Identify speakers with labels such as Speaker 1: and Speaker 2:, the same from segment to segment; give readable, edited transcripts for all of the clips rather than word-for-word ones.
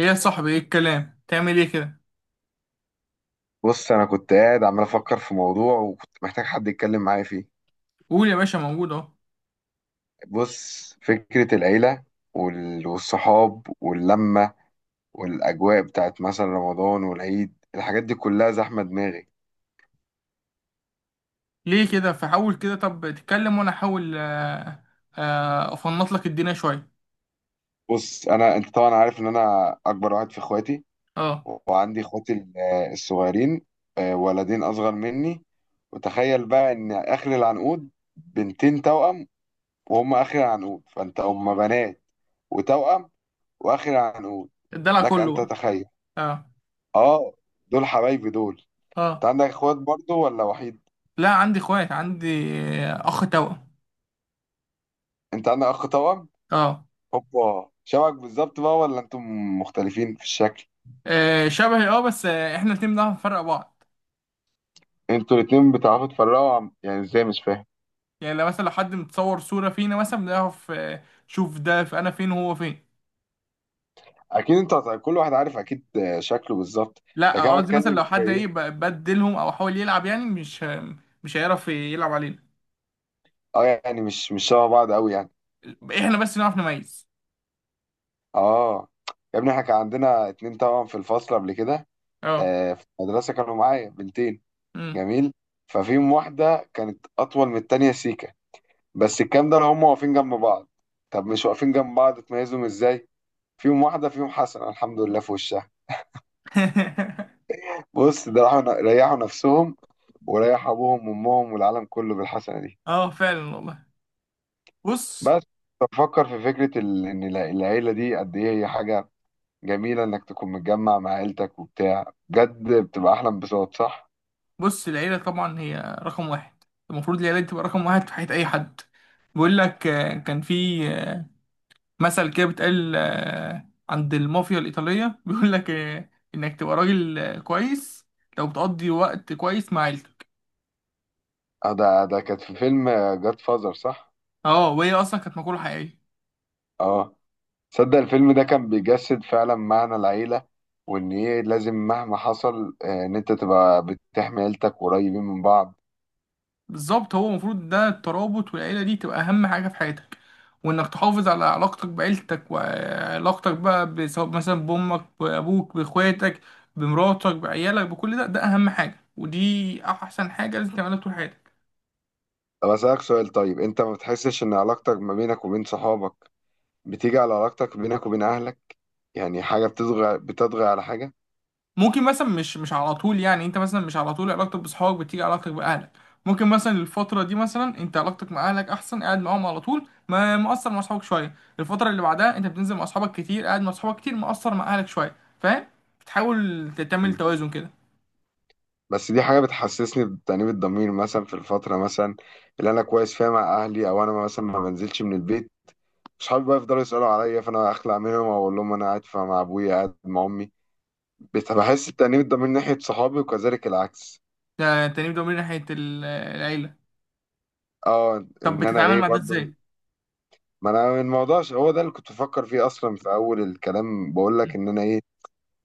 Speaker 1: ايه يا صاحبي، ايه الكلام؟ تعمل ايه كده؟
Speaker 2: بص، انا كنت قاعد عمال افكر في موضوع، وكنت محتاج حد يتكلم معايا فيه.
Speaker 1: قول يا باشا، موجود اهو.
Speaker 2: بص، فكرة العيلة والصحاب واللمة، والاجواء بتاعت مثلا رمضان والعيد، الحاجات دي كلها زحمة دماغي.
Speaker 1: ليه كده؟ فحاول كده، طب تتكلم وانا احاول. افنط لك الدنيا شويه.
Speaker 2: بص، انا انت طبعا عارف ان انا اكبر واحد في اخواتي،
Speaker 1: اه،
Speaker 2: وعندي اخواتي الصغيرين. ولدين اصغر مني. وتخيل بقى ان اخر العنقود بنتين توأم، وهم اخر العنقود، فانت هم بنات وتوأم واخر العنقود.
Speaker 1: الدلع
Speaker 2: لك
Speaker 1: كله
Speaker 2: ان
Speaker 1: بقى.
Speaker 2: تتخيل.
Speaker 1: اه.
Speaker 2: اه، دول حبايبي دول. انت
Speaker 1: اه،
Speaker 2: عندك اخوات برضو ولا وحيد؟
Speaker 1: لا عندي اخوات، عندي اخ توأم.
Speaker 2: انت عندك اخ توأم؟
Speaker 1: اه.
Speaker 2: هوبا، شبك بالظبط بقى ولا انتم مختلفين في الشكل؟
Speaker 1: شبهي، اه، بس احنا الاتنين بنعرف نفرق بعض.
Speaker 2: انتوا الاتنين بتعرفوا تفرقوا يعني ازاي، مش فاهم.
Speaker 1: يعني لو مثلا لو حد متصور صوره فينا مثلا بنعرف، شوف ده، في انا فين وهو فين.
Speaker 2: اكيد انت كل واحد عارف اكيد شكله بالظبط.
Speaker 1: لا،
Speaker 2: لكن انا
Speaker 1: قصدي مثلا
Speaker 2: بتكلم
Speaker 1: لو
Speaker 2: في
Speaker 1: حد ايه،
Speaker 2: ايه؟
Speaker 1: بدلهم او حاول يلعب، يعني مش هيعرف يلعب علينا.
Speaker 2: اه، يعني مش شبه بعض قوي يعني.
Speaker 1: احنا بس نعرف نميز.
Speaker 2: اه، يا ابني احنا كان عندنا اتنين توأم في الفصل قبل كده.
Speaker 1: اه.
Speaker 2: في المدرسة كانوا معايا بنتين.
Speaker 1: امم.
Speaker 2: جميل. ففيهم واحدة كانت أطول من التانية، سيكا. بس الكلام ده لو هم واقفين جنب بعض. طب مش واقفين جنب بعض، تميزهم ازاي؟ فيهم واحده، فيهم حسن الحمد لله في وشها. بص، ده راحوا ريحوا نفسهم، وريحوا ابوهم وامهم والعالم كله بالحسنه دي.
Speaker 1: اه فعلا والله. بص.
Speaker 2: بس بفكر في فكره ان العيله دي قد ايه هي حاجه جميله، انك تكون متجمع مع عيلتك وبتاع، بجد بتبقى احلى انبساط، صح؟
Speaker 1: بص، العيلة طبعا هي رقم واحد. المفروض العيلة دي تبقى رقم واحد في حياة أي حد. بيقول لك، آه، كان في آه، مثل كده بيتقال عند المافيا الإيطالية، بيقول لك إنك تبقى راجل كويس لو بتقضي وقت كويس مع عيلتك.
Speaker 2: ده كانت في فيلم جاد فازر، صح؟
Speaker 1: اه، وهي أصلا كانت مقولة حقيقية.
Speaker 2: اه، تصدق الفيلم ده كان بيجسد فعلا معنى العيلة، وإن إيه لازم مهما حصل إن أنت تبقى بتحمي عيلتك، قريبين من بعض.
Speaker 1: بالظبط، هو المفروض ده الترابط، والعيلة دي تبقى أهم حاجة في حياتك، وانك تحافظ على علاقتك بعيلتك، وعلاقتك بقى بسواء مثلا بامك، بابوك، باخواتك، بمراتك، بعيالك، بكل ده. ده اهم حاجه، ودي احسن حاجه لازم تعملها طول حياتك.
Speaker 2: طب أسألك سؤال، طيب أنت ما بتحسش إن علاقتك ما بينك وبين صحابك بتيجي على علاقتك بينك وبين أهلك؟ يعني حاجة بتضغى على حاجة.
Speaker 1: ممكن مثلا، مش على طول، يعني انت مثلا مش على طول علاقتك باصحابك بتيجي علاقتك باهلك. ممكن مثلا الفتره دي مثلا انت علاقتك مع اهلك احسن، قاعد معاهم على طول، ما مقصر مع اصحابك شويه. الفتره اللي بعدها انت بتنزل مع اصحابك كتير، قاعد مع اصحابك كتير، مقصر مع اهلك شويه، فاهم؟ بتحاول تعمل
Speaker 2: مم.
Speaker 1: توازن كده.
Speaker 2: بس دي حاجة بتحسسني بتأنيب الضمير، مثلا في الفترة مثلا اللي أنا كويس فيها مع أهلي، أو أنا مثلا ما بنزلش من البيت. صحابي بقى يفضلوا يسألوا عليا، فأنا أخلع منهم وأقول لهم أنا قاعد مع أبويا، قاعد مع أمي. بحس التأنيب ده من ناحية صحابي، وكذلك العكس.
Speaker 1: ده تاني، ده من ناحيه العيله.
Speaker 2: اه،
Speaker 1: طب
Speaker 2: ان انا
Speaker 1: بتتعامل
Speaker 2: ايه
Speaker 1: مع ده
Speaker 2: برضو.
Speaker 1: ازاي؟
Speaker 2: ما انا الموضوع هو ده اللي كنت بفكر فيه اصلا، في اول الكلام بقول لك
Speaker 1: مم.
Speaker 2: ان انا ايه.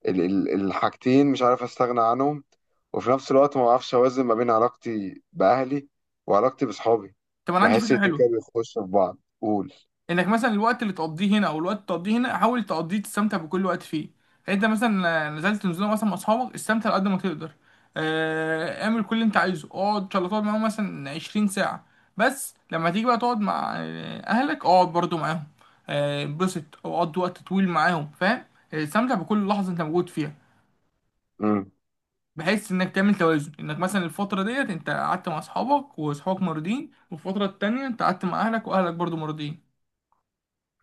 Speaker 2: الحاجتين مش عارف استغنى عنهم. وفي نفس الوقت ما بعرفش اوازن ما بين علاقتي باهلي وعلاقتي بصحابي.
Speaker 1: طب انا عندي
Speaker 2: بحس
Speaker 1: فكره
Speaker 2: الاتنين كده
Speaker 1: حلوه،
Speaker 2: بيخشوا في بعض. قول.
Speaker 1: انك مثلا الوقت اللي تقضيه هنا او الوقت اللي تقضيه هنا، حاول تقضيه، تستمتع بكل وقت فيه. يعني انت مثلا نزلت نزوله مثلا مع اصحابك، استمتع على قد ما تقدر، اعمل كل اللي انت عايزه، اقعد ان شاء الله تقعد معاهم مثلا 20 ساعه. بس لما تيجي بقى تقعد مع اهلك، اقعد برضو معاهم، انبسط او قضي وقت طويل معاهم، فاهم؟ استمتع بكل لحظه انت موجود فيها.
Speaker 2: امم.
Speaker 1: بحيث انك تعمل توازن، انك مثلا الفتره ديت انت قعدت مع اصحابك واصحابك مرضين، والفتره التانية انت قعدت مع اهلك واهلك برضو مرضين.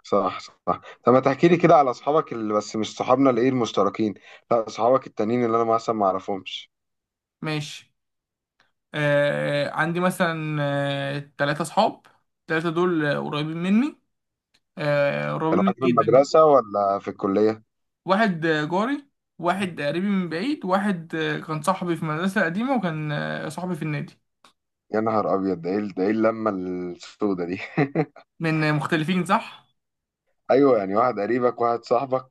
Speaker 2: صح، صح. طب ما تحكي لي كده على اصحابك، اللي بس مش صحابنا، اللي ايه المشتركين. لا اصحابك التانيين اللي انا مثلا ما اعرفهمش.
Speaker 1: ماشي. عندي مثلا تلاتة اصحاب. التلاتة دول قريبين مني، آه قريبين
Speaker 2: كانوا
Speaker 1: مني
Speaker 2: معاك في
Speaker 1: جدا بقى.
Speaker 2: المدرسة ولا في الكلية؟
Speaker 1: واحد جاري، واحد قريبي من بعيد، واحد كان صاحبي في مدرسة قديمة، وكان صاحبي في النادي.
Speaker 2: يا نهار ابيض، ده ايه اللمه السودة دي؟
Speaker 1: من مختلفين، صح.
Speaker 2: ايوه، يعني واحد قريبك، واحد صاحبك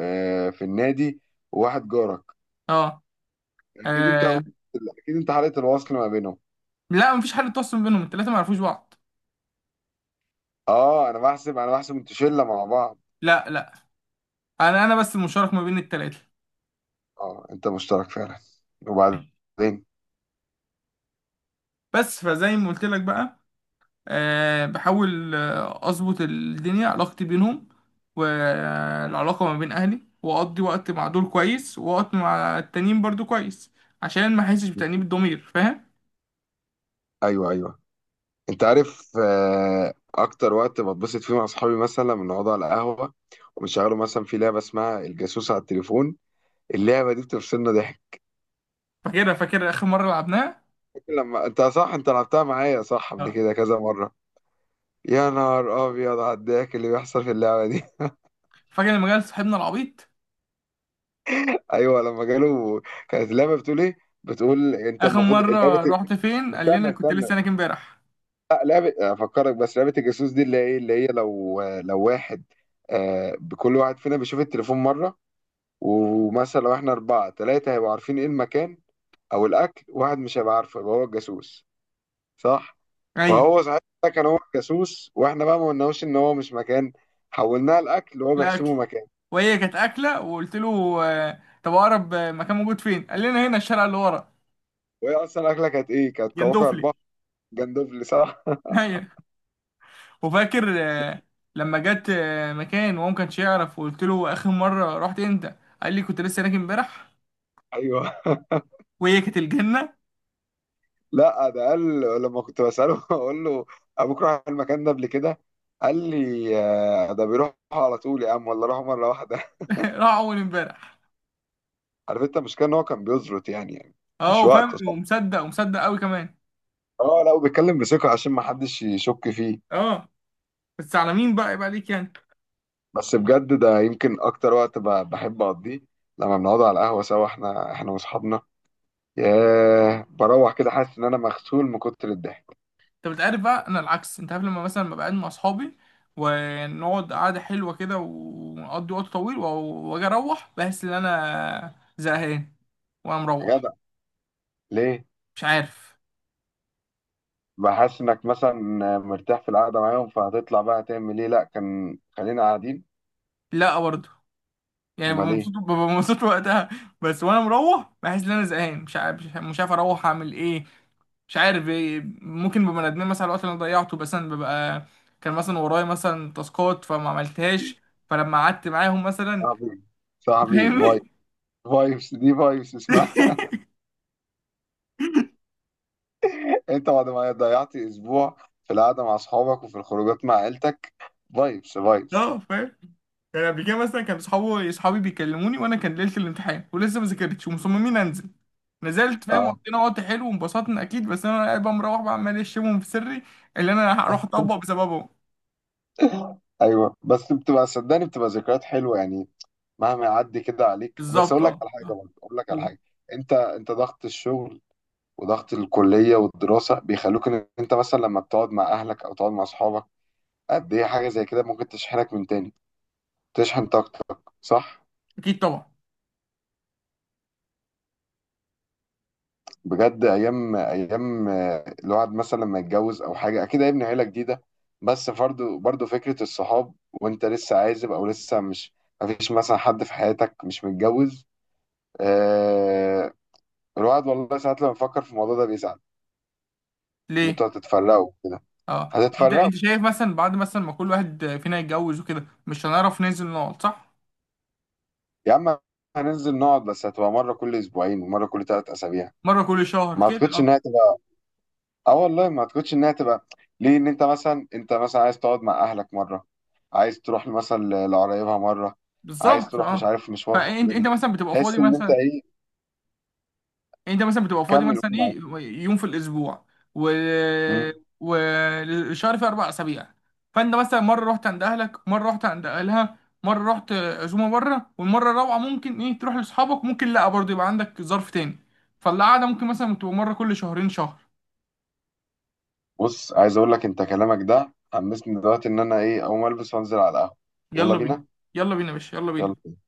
Speaker 2: في النادي، وواحد جارك.
Speaker 1: اه.
Speaker 2: اكيد انت
Speaker 1: آه،
Speaker 2: اكيد انت حاله الوصل ما بينهم؟
Speaker 1: لا مفيش حد تواصل بينهم، التلاتة معرفوش بعض.
Speaker 2: اه، انا بحسب انتوا شله مع بعض.
Speaker 1: لا، لا. انا بس المشترك ما بين التلاتة.
Speaker 2: اه، انت مشترك فعلا. وبعدين؟
Speaker 1: بس فزي ما قلت لك بقى، بحاول اظبط الدنيا علاقتي بينهم، والعلاقه ما بين اهلي، واقضي وقت مع دول كويس ووقت مع التانيين برضو كويس، عشان ما احسش بتأنيب الضمير، فاهم؟
Speaker 2: ايوه، ايوه. انت عارف اكتر وقت بتبسط فيه مع اصحابي مثلا لما نقعد على القهوه، ونشغلوا مثلا في لعبه اسمها الجاسوس على التليفون. اللعبه دي بتفصلنا ضحك.
Speaker 1: فاكرها، فاكر اخر مره لعبناها.
Speaker 2: لما انت، صح، انت لعبتها معايا، صح، قبل
Speaker 1: اه.
Speaker 2: كده كذا مره. يا نهار ابيض على الضحك اللي بيحصل في اللعبه دي.
Speaker 1: فاكر لما جالس صاحبنا العبيط،
Speaker 2: ايوه، لما جاله. كانت اللعبه بتقول ايه؟ بتقول انت
Speaker 1: اخر
Speaker 2: المفروض
Speaker 1: مره
Speaker 2: لعبه.
Speaker 1: رحت فين؟ قال لنا
Speaker 2: استنى،
Speaker 1: كنت
Speaker 2: استنى.
Speaker 1: لسه هناك امبارح.
Speaker 2: لا، لعبه افكرك بس، لعبه الجاسوس دي، اللي هي لو واحد، كل واحد فينا بيشوف التليفون مره، ومثلا لو احنا اربعه، ثلاثه هيبقوا عارفين ايه المكان او الاكل، واحد مش هيبقى عارفه، يبقى هو الجاسوس. صح.
Speaker 1: ايوه،
Speaker 2: فهو صحيح ده كان هو الجاسوس، واحنا بقى ما قلناهوش ان هو مش مكان، حولناها الاكل وهو بيحسبه
Speaker 1: الاكل،
Speaker 2: مكان.
Speaker 1: وهي كانت اكله وقلت له، طب اقرب مكان موجود فين؟ قال لنا هنا الشارع اللي ورا.
Speaker 2: وهي اصلا الاكله كانت ايه؟ كانت
Speaker 1: جندوفلي.
Speaker 2: كواكب. جندوفلي، صح.
Speaker 1: وفاكر لما جت مكان وهو ما كانش يعرف، وقلت له اخر مره رحت امتى؟ قال لي كنت لسه هناك امبارح.
Speaker 2: ايوه.
Speaker 1: وهي كانت الجنه.
Speaker 2: لا، ده قال لما كنت بساله اقول له ابوك راح المكان ده قبل كده، قال لي ده بيروح على طول يا عم، ولا راح مره واحده.
Speaker 1: راح اول امبارح.
Speaker 2: عارف انت المشكله، ان هو كان بيزرط يعني
Speaker 1: اه،
Speaker 2: مش وقته،
Speaker 1: وفاهم
Speaker 2: صح.
Speaker 1: ومصدق ومصدق قوي كمان.
Speaker 2: اه، لا، وبيتكلم بثقه عشان ما حدش يشك فيه.
Speaker 1: اه، بس على مين بقى؟ يبقى عليك يعني.
Speaker 2: بس بجد ده يمكن اكتر وقت بحب اقضيه، لما بنقعد على القهوه سوا، احنا واصحابنا. ياه، بروح كده حاسس ان انا مغسول من كتر الضحك.
Speaker 1: انت بتعرف بقى، انا العكس، انت عارف، لما مثلا ببقى قاعد مع اصحابي، ونقعد قعده حلوه كده ونقضي وقت طويل واجي اروح بحس ان انا زهقان وانا
Speaker 2: يا
Speaker 1: مروح.
Speaker 2: جدع، ليه؟
Speaker 1: مش عارف.
Speaker 2: بحس انك مثلا مرتاح في القعده معاهم، فهتطلع بقى هتعمل ايه؟ لا كان خلينا قاعدين.
Speaker 1: لا برضه، يعني
Speaker 2: امال
Speaker 1: ببقى
Speaker 2: ايه؟
Speaker 1: مبسوط، ببقى مبسوط وقتها. بس وانا مروح بحس ان انا زهقان، مش عارف، مش عارف اروح اعمل ايه، مش عارف إيه. ممكن ببقى ندمان مثلا على الوقت اللي انا ضيعته، بس انا ببقى كان مثلا ورايا مثلا تاسكات فما عملتهاش، فلما قعدت معاهم مثلا،
Speaker 2: صاحبي، صاحبي فايبس.
Speaker 1: فاهمني.
Speaker 2: فايبس دي، فايبس اسمها. انت بعد ما ضيعت اسبوع في القعده مع اصحابك وفي الخروجات مع عيلتك، فايبس فايبس.
Speaker 1: اه فاهم. يعني قبل كده مثلا كان صحابي، صحابي بيكلموني وانا كان ليله الامتحان ولسه ما ذاكرتش ومصممين انزل، نزلت فاهم،
Speaker 2: اه.
Speaker 1: وقضينا وقت حلو وانبسطنا اكيد، بس انا قاعد بقى مروح بقى عمال اشتمهم في سري، اللي انا هروح اطبق بسببهم.
Speaker 2: ايوه، بس بتبقى، صدقني، بتبقى ذكريات حلوه يعني، مهما يعدي كده عليك. بس
Speaker 1: بالظبط
Speaker 2: اقول لك
Speaker 1: اه،
Speaker 2: على حاجه، برضه اقول لك على
Speaker 1: قول.
Speaker 2: حاجه. انت ضغط الشغل وضغط الكليه والدراسه بيخلوك ان انت مثلا لما بتقعد مع اهلك او تقعد مع اصحابك، قد ايه حاجه زي كده ممكن تشحنك من تاني، تشحن طاقتك، صح.
Speaker 1: اكيد طبعا.
Speaker 2: بجد ايام، ايام الواحد مثلا لما يتجوز او حاجه اكيد هيبني عيله جديده، بس برضه برضه فكره الصحاب وانت لسه عازب او لسه مش، مفيش مثلا حد في حياتك مش متجوز. آه. الواحد والله ساعات لما بيفكر في الموضوع ده بيزعل، ان
Speaker 1: ليه؟
Speaker 2: انتوا هتتفرقوا كده.
Speaker 1: اه، انت
Speaker 2: هتتفرقوا.
Speaker 1: انت شايف مثلا بعد مثلا ما كل واحد فينا يتجوز وكده مش هنعرف ننزل نقعد، صح؟
Speaker 2: يا عم، هننزل نقعد بس هتبقى مره كل اسبوعين ومره كل 3 اسابيع.
Speaker 1: مره كل شهر
Speaker 2: ما
Speaker 1: كده،
Speaker 2: اعتقدش
Speaker 1: اه،
Speaker 2: انها. اه والله، ما تكونش انها تبقى. ليه، ان انت مثلا عايز تقعد مع اهلك مره، عايز تروح مثلا لقرايبها مره، عايز
Speaker 1: بالظبط
Speaker 2: تروح مش
Speaker 1: اه.
Speaker 2: عارف مشوار
Speaker 1: فانت
Speaker 2: فلاني،
Speaker 1: مثلا بتبقى فاضي
Speaker 2: تحس ان انت
Speaker 1: مثلا،
Speaker 2: ايه.
Speaker 1: يعني انت مثلا بتبقى فاضي
Speaker 2: كمل قول
Speaker 1: مثلا
Speaker 2: معايا.
Speaker 1: ايه، يوم في الاسبوع. و
Speaker 2: مم.
Speaker 1: والشهر فيه 4 اسابيع، فانت مثلا مره رحت عند اهلك، مره رحت عند اهلها، مره رحت عزومه بره، والمره الرابعه ممكن ايه تروح لاصحابك، ممكن لا برضه يبقى عندك ظرف تاني، فالقعده ممكن مثلا بتبقى مره كل شهرين شهر.
Speaker 2: بص، عايز اقول لك انت كلامك ده حمسني دلوقتي ان انا ايه، اقوم البس وانزل على القهوه. يلا
Speaker 1: يلا بينا.
Speaker 2: بينا.
Speaker 1: يلا بينا يا باشا، يلا بينا.
Speaker 2: يلا.